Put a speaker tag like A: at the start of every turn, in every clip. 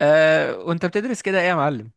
A: وانت بتدرس كده ايه يا معلم؟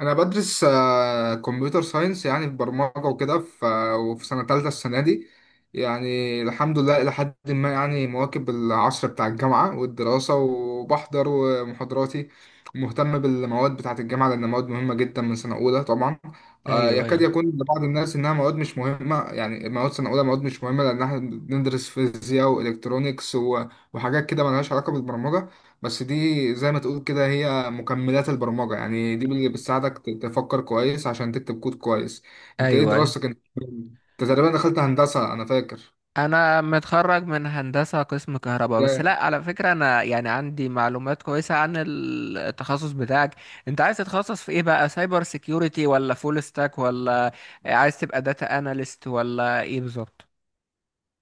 B: انا بدرس كمبيوتر ساينس، يعني في برمجه وكده. وفي سنه ثالثه السنه دي، يعني الحمد لله الى حد ما، يعني مواكب العصر بتاع الجامعه والدراسه، وبحضر ومحاضراتي ومهتم بالمواد بتاعه الجامعه، لان مواد مهمه جدا من سنه اولى طبعا.
A: ايوه،
B: يكاد
A: ايوه،
B: يكون لبعض الناس انها مواد مش مهمه، يعني مواد سنه اولى مواد مش مهمه، لان احنا بندرس فيزياء والكترونيكس وحاجات كده ملهاش علاقه بالبرمجه. بس دي زي ما تقول كده هي مكملات البرمجة، يعني دي اللي بتساعدك تفكر كويس عشان تكتب كود كويس. انت ايه
A: ايوه، ايوه.
B: دراستك؟ انت تقريبا دخلت هندسة انا فاكر.
A: انا متخرج من هندسة قسم كهرباء. بس لا، على فكرة، انا يعني عندي معلومات كويسة عن التخصص بتاعك. انت عايز تتخصص في ايه بقى؟ سايبر سيكيورتي، ولا فول ستاك، ولا عايز تبقى داتا اناليست، ولا ايه بالظبط؟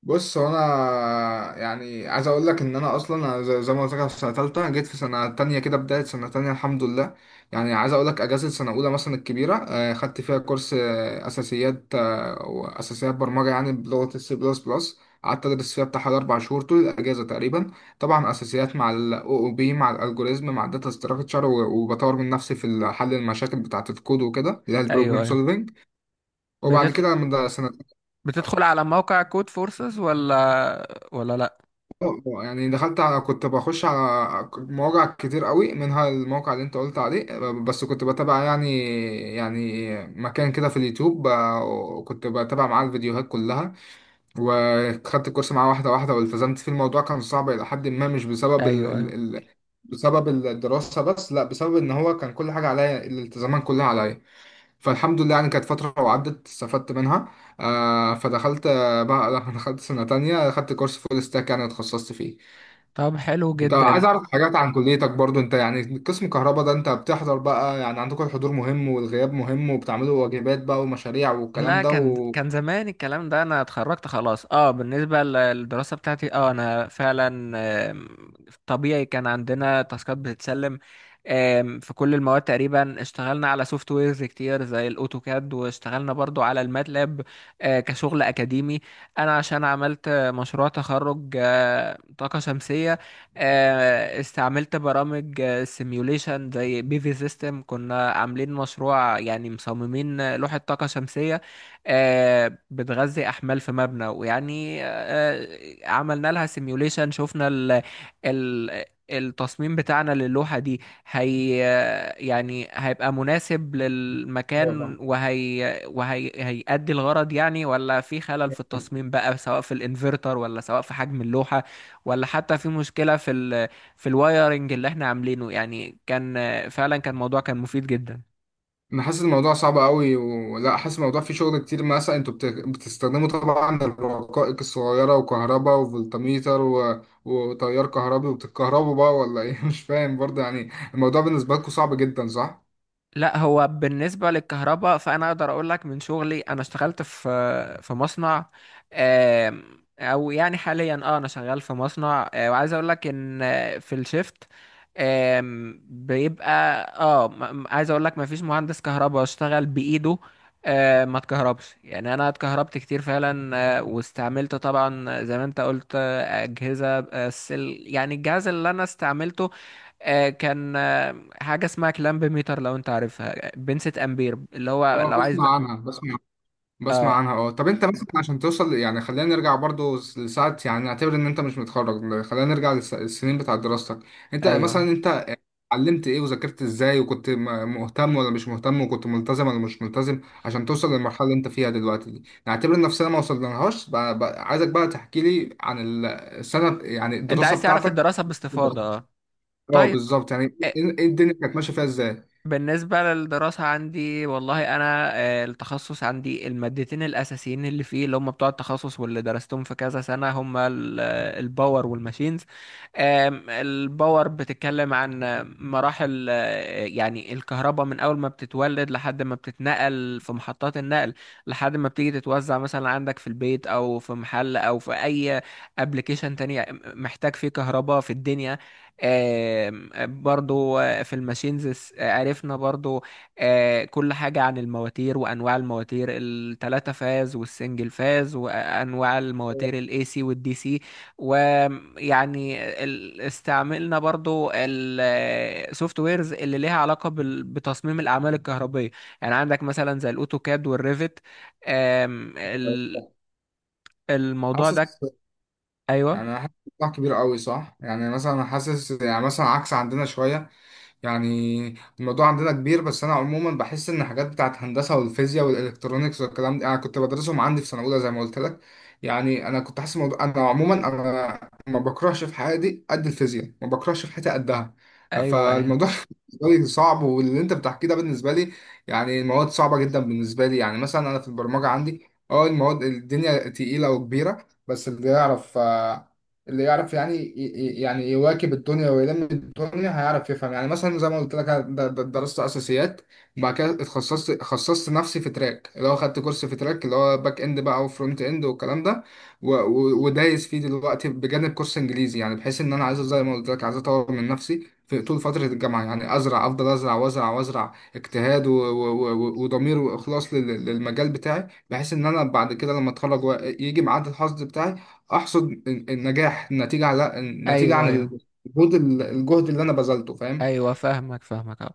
B: بص، هو انا يعني عايز اقول لك ان انا اصلا، أنا زي ما قلت لك، أنا في سنه ثالثه، جيت في سنه تانية كده، بدايه سنه تانية الحمد لله. يعني عايز اقول لك، اجازه سنه اولى مثلا الكبيره، خدت فيها كورس اساسيات، واساسيات برمجه يعني بلغه السي بلس بلس. قعدت ادرس فيها بتاع حوالي اربع شهور طول الاجازه تقريبا. طبعا اساسيات مع الاو او بي، مع الالجوريزم، مع الداتا ستراكشر، وبطور من نفسي في حل المشاكل بتاعه الكود وكده، اللي هي
A: ايوه،
B: البروبلم
A: ايوه.
B: سولفنج. وبعد
A: بتدخل
B: كده من سنه،
A: بتدخل على موقع كود فورسز، ولا لا؟
B: اه يعني دخلت على، كنت بخش على مواقع كتير قوي، منها الموقع اللي انت قلت عليه، بس كنت بتابع يعني، يعني مكان كده في اليوتيوب، كنت بتابع معاه الفيديوهات كلها، وخدت الكورس معاه واحدة واحدة، والتزمت فيه. الموضوع كان صعب إلى حد ما، مش بسبب ال
A: ايوه، ايوه.
B: ال ال بسبب الدراسة بس، لا، بسبب إن هو كان كل حاجة عليا، الالتزامات كلها عليا. فالحمد لله يعني كانت فترة وعدت استفدت منها. آه فدخلت، بقى لما دخلت سنة تانية خدت كورس فول ستاك يعني وتخصصت فيه.
A: طب حلو
B: انت
A: جدا.
B: عايز اعرف حاجات عن كليتك برضو، انت يعني قسم كهرباء ده، انت بتحضر بقى؟ يعني عندكم الحضور مهم والغياب مهم، وبتعملوا واجبات بقى ومشاريع والكلام
A: لا،
B: ده
A: كان
B: و...
A: كان زمان الكلام ده، انا اتخرجت خلاص. اه، بالنسبه للدراسه بتاعتي، انا فعلا آم، طبيعي كان عندنا تاسكات بتتسلم في كل المواد. تقريبا اشتغلنا على سوفت ويرز كتير زي الاوتوكاد، واشتغلنا برضو على الماتلاب كشغل اكاديمي. انا عشان عملت مشروع تخرج طاقه شمسيه، استعملت برامج سيميوليشن زي بي في سيستم. كنا عاملين مشروع، يعني مصممين لوحه طاقه شمسيه بتغذي احمال في مبنى، ويعني عملنا لها سيميوليشن. شفنا ال ال التصميم بتاعنا للوحة دي، هي يعني هيبقى مناسب للمكان،
B: أيوة.
A: وهي هيأدي الغرض يعني، ولا في خلل في التصميم بقى، سواء في الانفرتر، ولا سواء في حجم اللوحة، ولا حتى في مشكلة في الوايرنج اللي احنا عاملينه. يعني كان فعلا كان موضوع كان مفيد جدا.
B: انا حاسس الموضوع صعب قوي، ولا حاسس الموضوع فيه شغل كتير؟ مثلا انتوا بتستخدموا طبعا الرقائق الصغيرة، وكهرباء وفولتميتر و... وتيار كهربي، وبتتكهربوا بقى ولا ايه؟ مش فاهم برضه يعني. الموضوع بالنسبة لكم صعب جدا صح؟
A: لا، هو بالنسبة للكهرباء، فأنا أقدر أقول لك من شغلي. أنا اشتغلت في مصنع، آم، أو يعني حاليا أنا شغال في مصنع، وعايز أقول لك إن في الشيفت بيبقى عايز أقول لك مفيش مهندس كهرباء اشتغل بإيده ما اتكهربش. يعني أنا اتكهربت كتير فعلا. واستعملت طبعا زي ما أنت قلت أجهزة. يعني الجهاز اللي أنا استعملته آه، كان آه، حاجه اسمها كلامب ميتر، لو انت عارفها، بنسة امبير، اللي هو
B: اه
A: لو عايز
B: بسمع
A: بقى.
B: عنها، بسمع، بسمع
A: اه،
B: عنها اه. طب انت مثلا، عشان توصل، يعني خلينا نرجع برضو لساعة، يعني نعتبر ان انت مش متخرج، خلينا نرجع للسنين بتاعت دراستك. انت مثلا،
A: ايوه.
B: انت اتعلمت ايه، وذاكرت ازاي، وكنت مهتم ولا مش مهتم، وكنت ملتزم ولا مش ملتزم، عشان توصل للمرحلة اللي انت فيها دلوقتي دي. نعتبر ان نفسنا ما وصلناهاش بقى، بقى عايزك بقى تحكي لي عن السنة، يعني
A: انت
B: الدراسة
A: عايز تعرف
B: بتاعتك.
A: الدراسه باستفاضه؟ اه،
B: اه
A: طيب.
B: بالظبط يعني،
A: آه،
B: ايه ايه الدنيا كانت ماشية فيها ازاي.
A: بالنسبة للدراسة عندي، والله أنا التخصص عندي، المادتين الأساسيين اللي فيه، اللي هم بتوع التخصص واللي درستهم في كذا سنة، هم الباور والماشينز. الباور بتتكلم عن مراحل يعني الكهرباء من أول ما بتتولد لحد ما بتتنقل في محطات النقل، لحد ما بتيجي تتوزع مثلا عندك في البيت، أو في محل، أو في أي أبليكيشن تاني محتاج فيه كهرباء في الدنيا. آم، برضو في الماشينز عرفنا برضو كل حاجة عن المواتير، وأنواع المواتير التلاتة فاز والسنجل فاز، وأنواع المواتير الاي سي والدي سي. ويعني استعملنا برضو السوفت ويرز اللي ليها علاقة بتصميم الأعمال الكهربية، يعني عندك مثلا زي الأوتوكاد والريفت. آم، ال- الموضوع
B: حاسس،
A: ده. أيوه.
B: يعني أنا حاسس الموضوع كبير قوي صح؟ يعني مثلا أنا حاسس، يعني مثلا عكس عندنا شوية، يعني الموضوع عندنا كبير، بس أنا عموما بحس إن الحاجات بتاعت هندسة والفيزياء والإلكترونيكس والكلام ده، أنا كنت بدرسهم عندي في سنة أولى زي ما قلت لك. يعني أنا كنت حاسس الموضوع، أنا عموما أنا ما بكرهش في حياتي قد الفيزياء، ما بكرهش في حياتي قدها.
A: أيوه. أيوه،
B: فالموضوع بالنسبة لي صعب، واللي أنت بتحكيه ده بالنسبة لي، يعني المواد صعبة جدا بالنسبة لي. يعني مثلا أنا في البرمجة عندي، أه المواد الدنيا تقيلة وكبيرة، بس اللي يعرف اللي يعرف، يعني يعني يواكب الدنيا ويلم الدنيا هيعرف يفهم. يعني مثلا زي ما قلت لك أنا درست اساسيات، وبعد كده اتخصصت، خصصت نفسي في تراك، اللي هو خدت كورس في تراك اللي هو باك اند بقى وفرونت اند والكلام ده، ودايس فيه دلوقتي بجانب كورس انجليزي، يعني بحيث ان انا عايز زي ما قلت لك، عايز اطور من نفسي في طول فترة الجامعة، يعني أزرع، أفضل أزرع وأزرع وأزرع اجتهاد وضمير وإخلاص للمجال بتاعي، بحيث إن أنا بعد كده لما أتخرج يجي ميعاد الحصد بتاعي احصد النجاح، النتيجه على النتيجه
A: أيوه،
B: عن
A: أيوه،
B: الجهد، الجهد اللي انا بذلته، فاهم؟
A: ايوه. فاهمك، فاهمك اهو.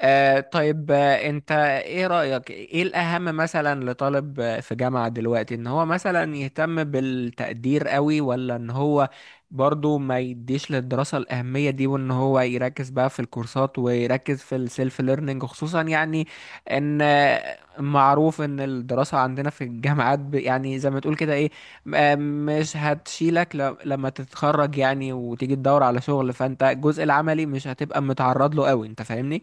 A: طيب، انت ايه رأيك؟ ايه الاهم مثلا لطالب في جامعة دلوقتي؟ ان هو مثلا يهتم بالتقدير قوي، ولا ان هو برضو ما يديش للدراسة الأهمية دي، وان هو يركز بقى في الكورسات ويركز في السيلف ليرنينج؟ خصوصا يعني ان معروف ان الدراسة عندنا في الجامعات يعني زي ما تقول كده ايه، مش هتشيلك لما تتخرج يعني. وتيجي تدور على شغل، فانت الجزء العملي مش هتبقى متعرض له قوي، انت فاهمني؟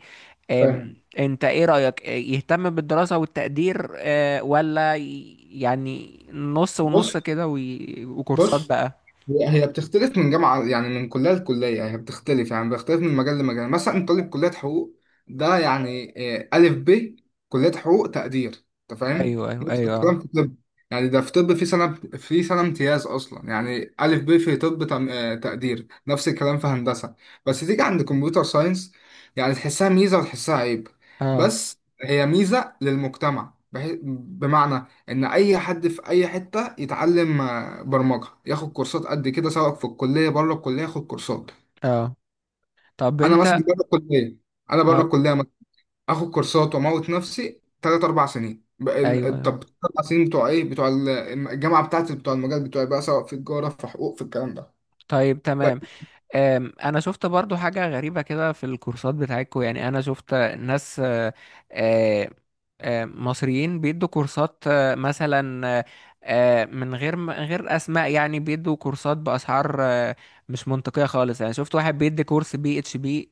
B: فاهم،
A: انت ايه رأيك؟ يهتم بالدراسة والتقدير، ولا يعني نص
B: بص
A: ونص كده، وكورسات
B: بص،
A: بقى؟
B: هي بتختلف من جامعة، يعني من كلية لكلية، يعني هي بتختلف، يعني بتختلف من مجال لمجال. يعني مثلا طالب كلية حقوق ده، يعني ألف ب كلية حقوق تقدير، أنت فاهم؟
A: ايوه، ايوه،
B: نفس
A: ايوه.
B: الكلام في طب، يعني ده في طب، في سنة امتياز أصلا، يعني ألف ب في طب تقدير، نفس الكلام في هندسة. بس تيجي عند كمبيوتر ساينس، يعني تحسها ميزة وتحسها عيب،
A: اه،
B: بس هي ميزة للمجتمع. بمعنى ان اي حد في اي حته يتعلم برمجه، ياخد كورسات قد كده، سواء في الكليه بره الكليه ياخد كورسات.
A: اه. طب
B: انا مثلا
A: انت.
B: بره الكليه، انا بره
A: اه.
B: الكليه مثلا اخد كورسات واموت نفسي ثلاث اربع سنين،
A: ايوه. أيوة.
B: طب اربع سنين بتوع ايه، بتوع الجامعه بتاعتي بتوع المجال بتوعي بقى، سواء في تجاره في حقوق في الكلام ده.
A: طيب،
B: ب-
A: تمام. انا شفت برضو حاجة غريبة كده في الكورسات بتاعتكم. يعني انا شفت ناس آه، مصريين بيدوا كورسات مثلا من غير اسماء يعني، بيدوا كورسات باسعار مش منطقية خالص. يعني شفت واحد بيدي كورس بي اتش بي،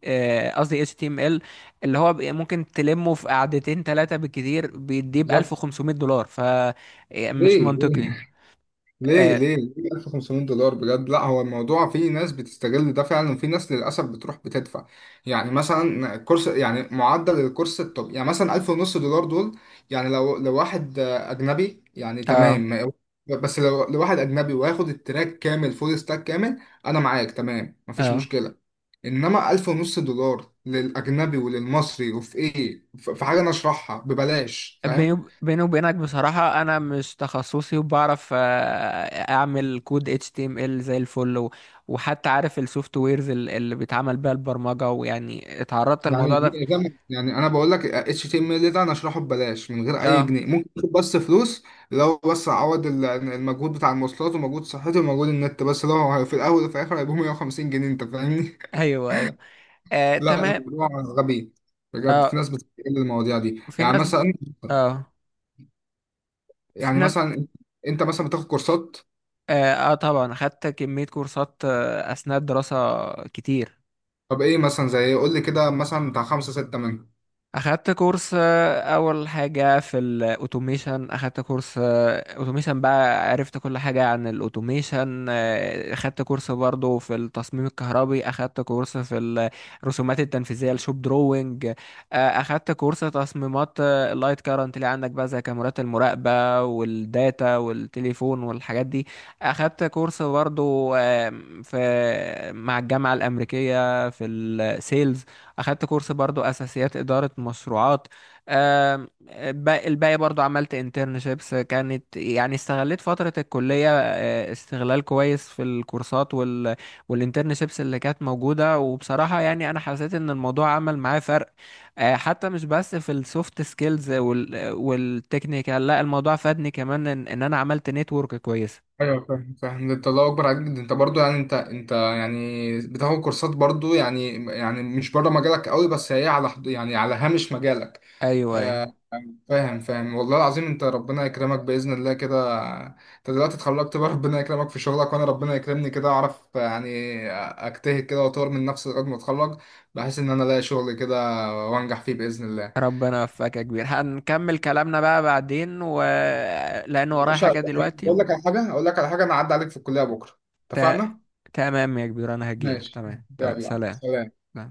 A: قصدي اتش تي ام ال، اللي هو ممكن تلمه في قعدتين ثلاثة بالكتير، بيديه ب
B: بالظبط،
A: $1500، فمش
B: ليه، ليه
A: منطقي.
B: ليه
A: اه،
B: ليه ليه 1500 دولار بجد؟ لا، هو الموضوع فيه ناس بتستغل ده فعلا، وفي ناس للاسف بتروح بتدفع. يعني مثلا كورس، يعني معدل الكورس الطب يعني مثلا 1000 ونص دولار دول، يعني لو لو واحد اجنبي يعني تمام،
A: اه.
B: بس لو واحد اجنبي وياخد التراك كامل، فول ستاك كامل، انا معاك تمام مفيش
A: آه.
B: مشكله. انما 1000 ونص دولار للاجنبي وللمصري، وفي ايه؟ في حاجه انا اشرحها ببلاش،
A: بيني
B: فاهم؟
A: بيني وبينك بصراحة، أنا مش تخصصي، وبعرف أعمل كود HTML زي الفل، وحتى عارف السوفت ويرز اللي بيتعمل بيها البرمجة، ويعني اتعرضت
B: يعني
A: للموضوع ده
B: دي إجابة، يعني أنا بقول لك اتش تي ام ال ده أنا أشرحه ببلاش من غير أي
A: اه.
B: جنيه، ممكن آخد بس فلوس لو بس أعوض المجهود بتاع المواصلات ومجهود صحتي ومجهود النت بس، لو في الأول وفي الآخر هيبقوا 150 جنيه، أنت فاهمني؟
A: أيوه، أيوه. آه،
B: لا
A: تمام.
B: الموضوع غبي بجد، في
A: اه،
B: ناس بتستغل المواضيع دي.
A: في
B: يعني
A: ناس بت...
B: مثلا،
A: اه في
B: يعني
A: ناس.
B: مثلا أنت مثلا بتاخد كورسات،
A: اه، طبعا خدت كمية كورسات أثناء الدراسة، كتير.
B: طب إيه مثلا؟ زي إيه؟ قول لي كده مثلا بتاع خمسة ستة منهم.
A: اخدت كورس اول حاجه في الاوتوميشن. اخدت كورس اوتوميشن بقى، عرفت كل حاجه عن الاوتوميشن. اخدت كورس برضو في التصميم الكهربي. اخدت كورس في الرسومات التنفيذيه، الشوب دروينج. اخدت كورس تصميمات اللايت كارنت اللي عندك بقى، زي كاميرات المراقبه والداتا والتليفون والحاجات دي. اخدت كورس برضو في مع الجامعه الامريكيه في السيلز. اخدت كورس برضو اساسيات اداره مشروعات. الباقي برضو، عملت انترنشيبس. كانت يعني استغليت فتره الكليه استغلال كويس، في الكورسات والانترنشيبس اللي كانت موجوده. وبصراحه يعني انا حسيت ان الموضوع عمل معايا فرق حتى مش بس في السوفت سكيلز والتكنيكال، لا، الموضوع فادني كمان إن انا عملت نتورك كويس.
B: ايوه فاهم فاهم، ده انت الله اكبر عليك، ده انت برضو يعني، انت يعني بتاخد كورسات برضو، يعني يعني مش بره مجالك قوي، بس هي على حد يعني على هامش مجالك.
A: ايوه، ايوه.
B: آه، فاهم فاهم والله العظيم، انت ربنا يكرمك باذن الله كده، انت دلوقتي اتخرجت بقى ربنا يكرمك في شغلك، وانا ربنا يكرمني كده اعرف يعني اجتهد كده واطور من نفسي لغايه ما اتخرج، بحيث ان انا الاقي شغل كده وانجح فيه باذن الله.
A: ربنا يوفقك يا كبير، هنكمل كلامنا بقى بعدين، و... لأن
B: يا
A: ورايا
B: باشا،
A: حاجة دلوقتي،
B: بقول
A: و...
B: لك على حاجه، اقول لك على حاجه، انا اعدي عليك في الكليه بكره،
A: ت...
B: اتفقنا؟
A: تمام يا كبير، أنا هجيلك.
B: ماشي،
A: تمام، تمام.
B: يلا
A: سلام.
B: سلام.
A: سلام.